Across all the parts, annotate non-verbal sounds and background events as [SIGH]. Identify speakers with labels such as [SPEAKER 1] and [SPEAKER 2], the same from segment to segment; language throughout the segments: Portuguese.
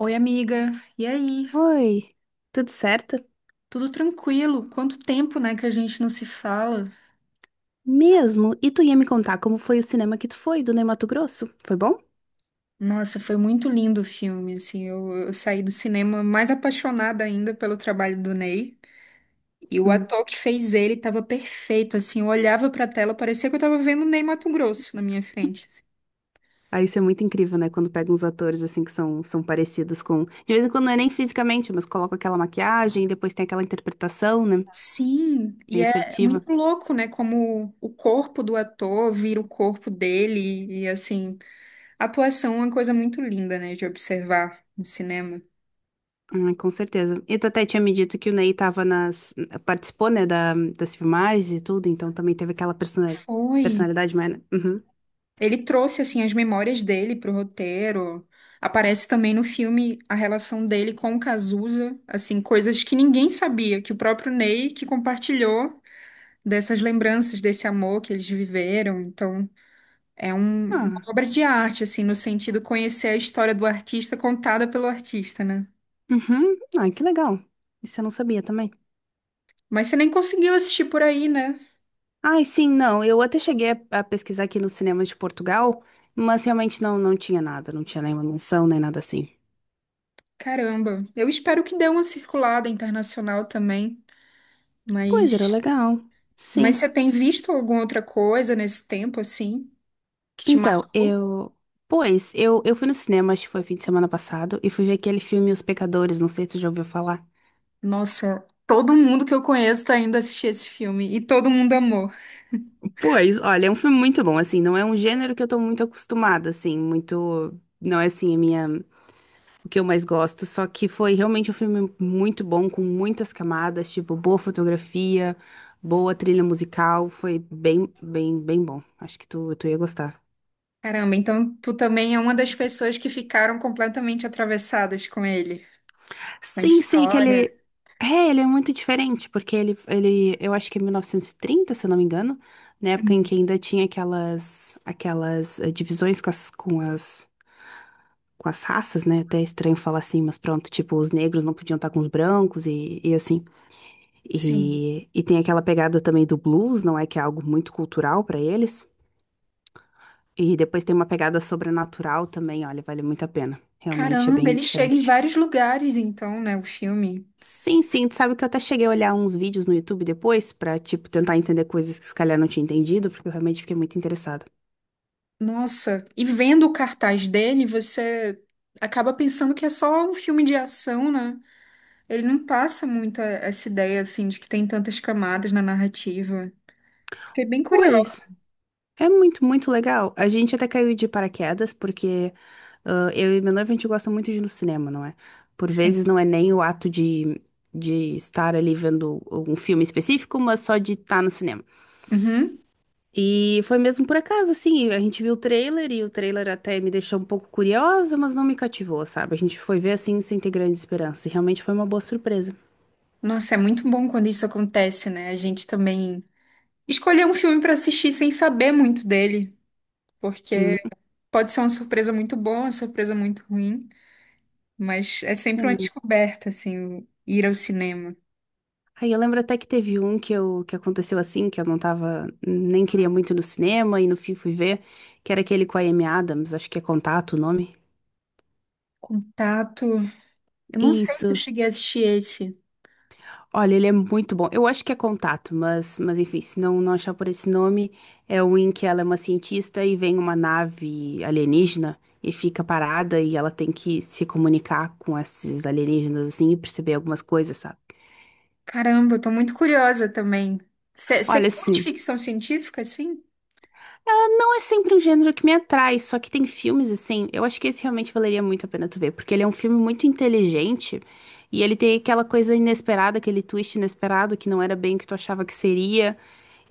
[SPEAKER 1] Oi, amiga. E aí?
[SPEAKER 2] Oi, tudo certo?
[SPEAKER 1] Tudo tranquilo? Quanto tempo, né, que a gente não se fala?
[SPEAKER 2] Mesmo? E tu ia me contar como foi o cinema que tu foi, do Ney Matogrosso? Foi bom?
[SPEAKER 1] Nossa, foi muito lindo o filme, assim. Eu saí do cinema mais apaixonada ainda pelo trabalho do Ney. E o
[SPEAKER 2] Hum.
[SPEAKER 1] ator que fez ele estava perfeito, assim. Eu olhava para a tela, parecia que eu estava vendo o Ney Matogrosso na minha frente, assim.
[SPEAKER 2] Ah, isso é muito incrível, né? Quando pega uns atores assim que são, são parecidos com. De vez em quando não é nem fisicamente, mas coloca aquela maquiagem e depois tem aquela interpretação, né?
[SPEAKER 1] Sim,
[SPEAKER 2] Bem
[SPEAKER 1] e é
[SPEAKER 2] assertiva.
[SPEAKER 1] muito louco, né? Como o corpo do ator vira o corpo dele, e assim, a atuação é uma coisa muito linda, né, de observar no cinema.
[SPEAKER 2] Com certeza. E tu até tinha me dito que o Ney tava nas. Participou, né, das filmagens e tudo, então também teve aquela persona-
[SPEAKER 1] Foi.
[SPEAKER 2] personalidade mais. Né? Uhum.
[SPEAKER 1] Ele trouxe assim as memórias dele pro roteiro. Aparece também no filme a relação dele com o Cazuza, assim, coisas que ninguém sabia, que o próprio Ney que compartilhou dessas lembranças, desse amor que eles viveram. Então, uma
[SPEAKER 2] Ah,
[SPEAKER 1] obra de arte, assim, no sentido conhecer a história do artista contada pelo artista, né?
[SPEAKER 2] uhum. Ah, que legal. Isso eu não sabia também.
[SPEAKER 1] Mas você nem conseguiu assistir por aí, né?
[SPEAKER 2] Ai, sim, não. Eu até cheguei a pesquisar aqui nos cinemas de Portugal, mas realmente não, não tinha nada, não tinha nenhuma menção, nem nada assim.
[SPEAKER 1] Caramba. Eu espero que dê uma circulada internacional também, mas
[SPEAKER 2] Pois era legal. Sim.
[SPEAKER 1] mas você tem visto alguma outra coisa nesse tempo, assim, que te
[SPEAKER 2] Então,
[SPEAKER 1] marcou?
[SPEAKER 2] eu. Pois, eu fui no cinema, acho que foi fim de semana passado, e fui ver aquele filme Os Pecadores, não sei se você já ouviu falar.
[SPEAKER 1] Nossa, todo mundo que eu conheço tá indo assistir esse filme e todo mundo amou.
[SPEAKER 2] Pois, olha, é um filme muito bom, assim, não é um gênero que eu tô muito acostumada, assim, muito. Não é assim a minha. O que eu mais gosto. Só que foi realmente um filme muito bom, com muitas camadas, tipo, boa fotografia, boa trilha musical. Foi bem bom. Acho que tu ia gostar.
[SPEAKER 1] Caramba, então tu também é uma das pessoas que ficaram completamente atravessadas com ele, com a
[SPEAKER 2] Sim, sim, que
[SPEAKER 1] história.
[SPEAKER 2] ele. É, ele é muito diferente, porque ele, eu acho que é 1930, se eu não me engano, na época em
[SPEAKER 1] Hum.
[SPEAKER 2] que ainda tinha aquelas divisões com as raças, né? Até é estranho falar assim, mas pronto, tipo, os negros não podiam estar com os brancos e assim.
[SPEAKER 1] Sim.
[SPEAKER 2] E tem aquela pegada também do blues, não é? Que é algo muito cultural para eles. E depois tem uma pegada sobrenatural também, olha, vale muito a pena. Realmente é
[SPEAKER 1] Caramba,
[SPEAKER 2] bem
[SPEAKER 1] ele chega em
[SPEAKER 2] diferente.
[SPEAKER 1] vários lugares, então, né, o filme.
[SPEAKER 2] Sim, sim, tu sabe que eu até cheguei a olhar uns vídeos no YouTube depois pra, tipo, tentar entender coisas que se calhar não tinha entendido, porque eu realmente fiquei muito interessada.
[SPEAKER 1] Nossa, e vendo o cartaz dele, você acaba pensando que é só um filme de ação, né? Ele não passa muito essa ideia, assim, de que tem tantas camadas na narrativa. Fiquei bem curiosa.
[SPEAKER 2] Pois. É muito, muito legal. A gente até caiu de paraquedas, porque ah, eu e meu noivo a gente gosta muito de ir no cinema, não é? Por
[SPEAKER 1] Sim.
[SPEAKER 2] vezes não é nem o ato de estar ali vendo um filme específico, mas só de estar no cinema.
[SPEAKER 1] Uhum.
[SPEAKER 2] E foi mesmo por acaso, assim, a gente viu o trailer e o trailer até me deixou um pouco curiosa, mas não me cativou, sabe? A gente foi ver assim sem ter grande esperança. E realmente foi uma boa surpresa.
[SPEAKER 1] Nossa, é muito bom quando isso acontece, né? A gente também escolher um filme pra assistir sem saber muito dele, porque
[SPEAKER 2] Uhum,
[SPEAKER 1] pode ser uma surpresa muito boa, uma surpresa muito ruim, mas é sempre uma
[SPEAKER 2] sim.
[SPEAKER 1] descoberta, assim, ir ao cinema.
[SPEAKER 2] Aí eu lembro até que teve um que, que aconteceu assim, que eu não tava, nem queria muito ir no cinema, e no fim fui ver, que era aquele com a Amy Adams, acho que é Contato o nome.
[SPEAKER 1] Contato. Eu não sei se eu
[SPEAKER 2] Isso.
[SPEAKER 1] cheguei a assistir esse.
[SPEAKER 2] Olha, ele é muito bom. Eu acho que é Contato, mas enfim, se não, não achar por esse nome, é o em que ela é uma cientista e vem uma nave alienígena e fica parada e ela tem que se comunicar com esses alienígenas assim e perceber algumas coisas, sabe?
[SPEAKER 1] Caramba, eu tô muito curiosa também. Você
[SPEAKER 2] Olha,
[SPEAKER 1] curte
[SPEAKER 2] assim.
[SPEAKER 1] ficção científica, assim?
[SPEAKER 2] Ela não é sempre um gênero que me atrai, só que tem filmes assim. Eu acho que esse realmente valeria muito a pena tu ver, porque ele é um filme muito inteligente e ele tem aquela coisa inesperada, aquele twist inesperado que não era bem o que tu achava que seria.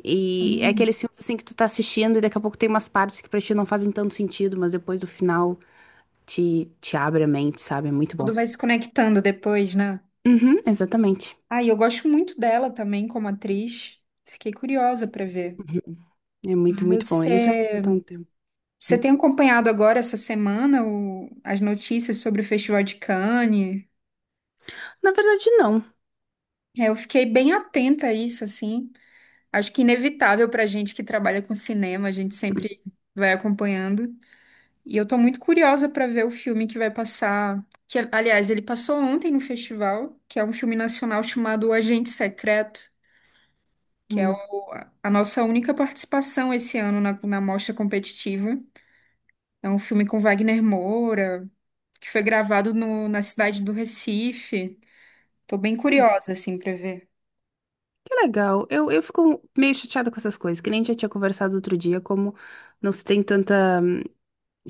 [SPEAKER 2] E é
[SPEAKER 1] Sim.
[SPEAKER 2] aqueles filmes assim que tu tá assistindo e daqui a pouco tem umas partes que pra ti não fazem tanto sentido, mas depois do final te abre a mente, sabe? É muito bom.
[SPEAKER 1] Tudo vai se conectando depois, né?
[SPEAKER 2] Uhum, exatamente.
[SPEAKER 1] Ah, e eu gosto muito dela também como atriz. Fiquei curiosa pra ver.
[SPEAKER 2] Uhum. É muito, muito bom.
[SPEAKER 1] Você
[SPEAKER 2] Ele já tá um tempo.
[SPEAKER 1] Você
[SPEAKER 2] Hum.
[SPEAKER 1] tem acompanhado agora essa semana as notícias sobre o Festival de Cannes?
[SPEAKER 2] Na verdade, não.
[SPEAKER 1] É, eu fiquei bem atenta a isso, assim. Acho que inevitável para gente que trabalha com cinema, a gente sempre vai acompanhando. E eu tô muito curiosa para ver o filme que vai passar. Que, aliás, ele passou ontem no festival, que é um filme nacional chamado O Agente Secreto, que é
[SPEAKER 2] Hum.
[SPEAKER 1] o- a nossa única participação esse ano na mostra competitiva. É um filme com Wagner Moura, que foi gravado na cidade do Recife. Tô bem curiosa, assim, pra ver.
[SPEAKER 2] Que legal. Eu fico meio chateada com essas coisas, que nem a gente já tinha conversado outro dia, como não se tem tanta.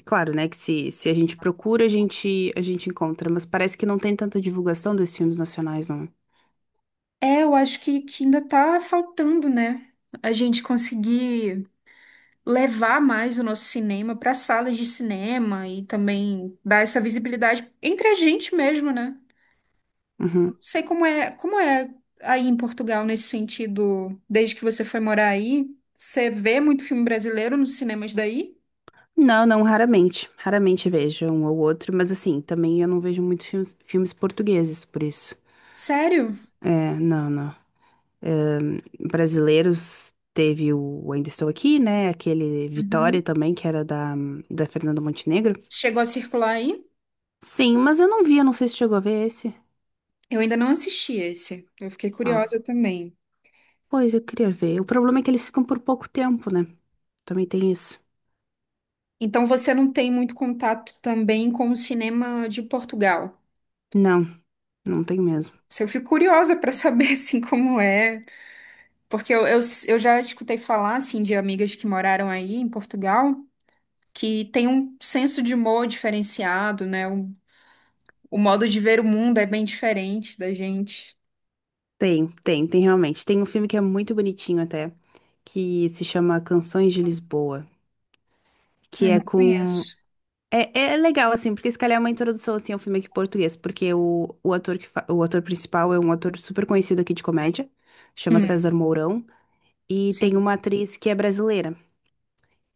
[SPEAKER 2] Claro, né? Que se a gente procura, a gente encontra, mas parece que não tem tanta divulgação desses filmes nacionais, não.
[SPEAKER 1] É, eu acho que ainda tá faltando, né? A gente conseguir levar mais o nosso cinema para salas de cinema e também dar essa visibilidade entre a gente mesmo, né? Eu
[SPEAKER 2] Uhum.
[SPEAKER 1] não sei como é aí em Portugal nesse sentido, desde que você foi morar aí. Você vê muito filme brasileiro nos cinemas daí?
[SPEAKER 2] Não, não, raramente. Raramente vejo um ou outro, mas assim, também eu não vejo muito filmes portugueses, por isso.
[SPEAKER 1] Sério?
[SPEAKER 2] É, não, não. Brasileiros teve o Ainda Estou Aqui, né? Aquele
[SPEAKER 1] Uhum.
[SPEAKER 2] Vitória também, que era da Fernanda Montenegro.
[SPEAKER 1] Chegou a circular aí?
[SPEAKER 2] Sim, mas eu não vi, eu não sei se chegou a ver esse.
[SPEAKER 1] Eu ainda não assisti esse. Eu fiquei curiosa
[SPEAKER 2] Ah,
[SPEAKER 1] também.
[SPEAKER 2] pois eu queria ver. O problema é que eles ficam por pouco tempo, né? Também tem isso.
[SPEAKER 1] Então você não tem muito contato também com o cinema de Portugal.
[SPEAKER 2] Não, não tem mesmo.
[SPEAKER 1] Se Eu fico curiosa para saber [LAUGHS] assim como é, porque eu já escutei falar assim de amigas que moraram aí em Portugal que tem um senso de humor diferenciado, né? O modo de ver o mundo é bem diferente da gente.
[SPEAKER 2] Tem, tem, tem realmente. Tem um filme que é muito bonitinho até, que se chama Canções de Lisboa, que
[SPEAKER 1] Ai,
[SPEAKER 2] é
[SPEAKER 1] não
[SPEAKER 2] com.
[SPEAKER 1] conheço.
[SPEAKER 2] É, é legal, assim, porque se calhar é uma introdução, assim, ao filme aqui em português, porque o ator que fa- o ator principal é um ator super conhecido aqui de comédia, chama
[SPEAKER 1] Hum,
[SPEAKER 2] César Mourão, e tem
[SPEAKER 1] sim.
[SPEAKER 2] uma atriz que é brasileira.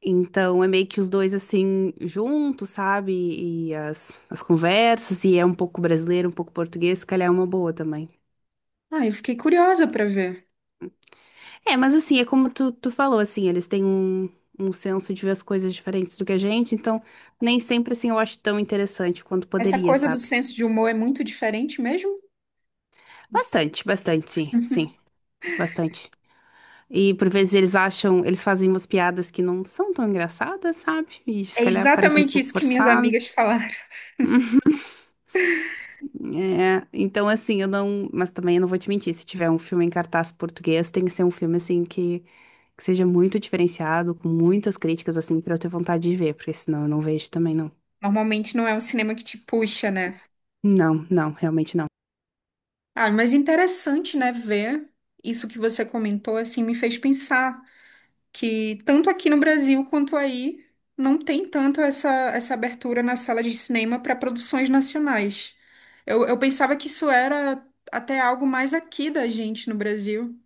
[SPEAKER 2] Então é meio que os dois assim juntos, sabe? E as conversas, e é um pouco brasileiro, um pouco português, se calhar é uma boa também.
[SPEAKER 1] Ah, eu fiquei curiosa para ver.
[SPEAKER 2] É, mas assim, é como tu falou, assim, eles têm um senso de ver as coisas diferentes do que a gente, então nem sempre assim eu acho tão interessante quanto
[SPEAKER 1] Essa
[SPEAKER 2] poderia,
[SPEAKER 1] coisa do
[SPEAKER 2] sabe?
[SPEAKER 1] senso de humor é muito diferente mesmo?
[SPEAKER 2] Bastante, bastante, sim, sim, bastante. E por vezes eles acham, eles fazem umas piadas que não são tão engraçadas, sabe? E se
[SPEAKER 1] É
[SPEAKER 2] calhar parece um
[SPEAKER 1] exatamente
[SPEAKER 2] pouco
[SPEAKER 1] isso que minhas
[SPEAKER 2] forçado.
[SPEAKER 1] amigas falaram.
[SPEAKER 2] É, então assim, eu não. Mas também eu não vou te mentir, se tiver um filme em cartaz português, tem que ser um filme assim que seja muito diferenciado, com muitas críticas, assim, pra eu ter vontade de ver, porque senão eu não vejo também, não.
[SPEAKER 1] Normalmente não é um cinema que te puxa, né?
[SPEAKER 2] Não, não, realmente não.
[SPEAKER 1] Ah, mas interessante, né, ver isso que você comentou, assim, me fez pensar que tanto aqui no Brasil quanto aí não tem essa abertura na sala de cinema para produções nacionais. Eu pensava que isso era até algo mais aqui da gente no Brasil,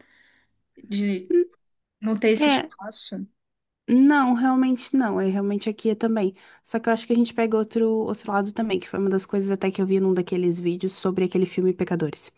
[SPEAKER 1] de
[SPEAKER 2] Hum,
[SPEAKER 1] não ter esse
[SPEAKER 2] é,
[SPEAKER 1] espaço.
[SPEAKER 2] não, realmente não. É realmente aqui é também. Só que eu acho que a gente pega outro, outro lado também, que foi uma das coisas até que eu vi num daqueles vídeos sobre aquele filme Pecadores.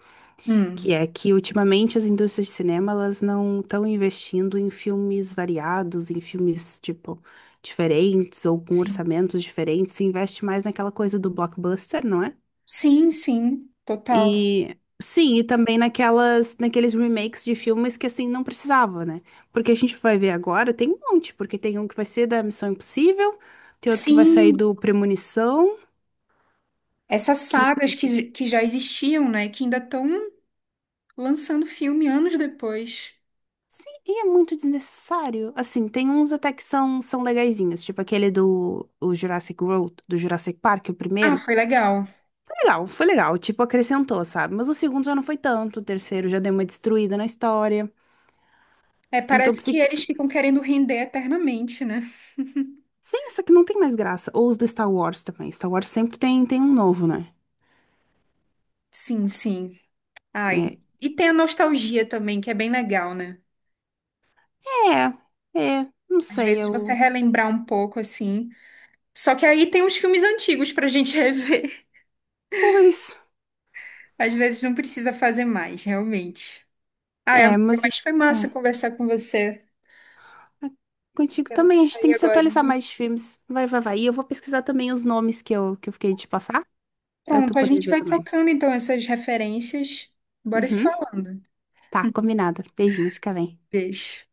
[SPEAKER 1] Hum,
[SPEAKER 2] Que é que ultimamente as indústrias de cinema elas não estão investindo em filmes variados, em filmes tipo diferentes ou com
[SPEAKER 1] sim.
[SPEAKER 2] orçamentos diferentes, se investe mais naquela coisa do blockbuster, não é?
[SPEAKER 1] Sim, sim, total.
[SPEAKER 2] E sim, e também naquelas naqueles remakes de filmes que assim não precisava, né? Porque a gente vai ver agora, tem um monte, porque tem um que vai ser da Missão Impossível, tem outro que vai sair
[SPEAKER 1] Sim.
[SPEAKER 2] do Premonição,
[SPEAKER 1] Essas
[SPEAKER 2] que
[SPEAKER 1] sagas que já existiam, né? Que ainda estão lançando filme anos depois.
[SPEAKER 2] sim, e é muito desnecessário. Assim, tem uns até que são, são legaizinhos, tipo aquele do o Jurassic World, do Jurassic Park, o
[SPEAKER 1] Ah,
[SPEAKER 2] primeiro.
[SPEAKER 1] foi legal.
[SPEAKER 2] Foi legal, foi legal, tipo, acrescentou, sabe? Mas o segundo já não foi tanto, o terceiro já deu uma destruída na história.
[SPEAKER 1] É,
[SPEAKER 2] Então
[SPEAKER 1] parece
[SPEAKER 2] tu
[SPEAKER 1] que
[SPEAKER 2] fica,
[SPEAKER 1] eles ficam querendo render eternamente, né?
[SPEAKER 2] sim, isso aqui não tem mais graça. Ou os do Star Wars também. Star Wars sempre tem, tem um novo, né?
[SPEAKER 1] Sim, sim. Ai.
[SPEAKER 2] É,
[SPEAKER 1] E tem a nostalgia também, que é bem legal, né?
[SPEAKER 2] é, é, não
[SPEAKER 1] Às
[SPEAKER 2] sei,
[SPEAKER 1] vezes você
[SPEAKER 2] eu...
[SPEAKER 1] relembrar um pouco, assim. Só que aí tem os filmes antigos pra gente [LAUGHS] rever.
[SPEAKER 2] Pois,
[SPEAKER 1] Às vezes não precisa fazer mais, realmente. Ai,
[SPEAKER 2] é,
[SPEAKER 1] amiga,
[SPEAKER 2] mas... É,
[SPEAKER 1] mas foi massa conversar com você.
[SPEAKER 2] é, contigo
[SPEAKER 1] Temos que
[SPEAKER 2] também, a gente
[SPEAKER 1] sair
[SPEAKER 2] tem que se
[SPEAKER 1] agora.
[SPEAKER 2] atualizar mais de filmes. Vai, vai, vai. E eu vou pesquisar também os nomes que que eu fiquei, de passar pra tu
[SPEAKER 1] Pronto, a
[SPEAKER 2] poder
[SPEAKER 1] gente
[SPEAKER 2] ver
[SPEAKER 1] vai
[SPEAKER 2] também.
[SPEAKER 1] trocando então essas referências. Bora se
[SPEAKER 2] Uhum.
[SPEAKER 1] falando.
[SPEAKER 2] Tá,
[SPEAKER 1] [LAUGHS]
[SPEAKER 2] combinado. Beijinho, fica bem.
[SPEAKER 1] Beijo.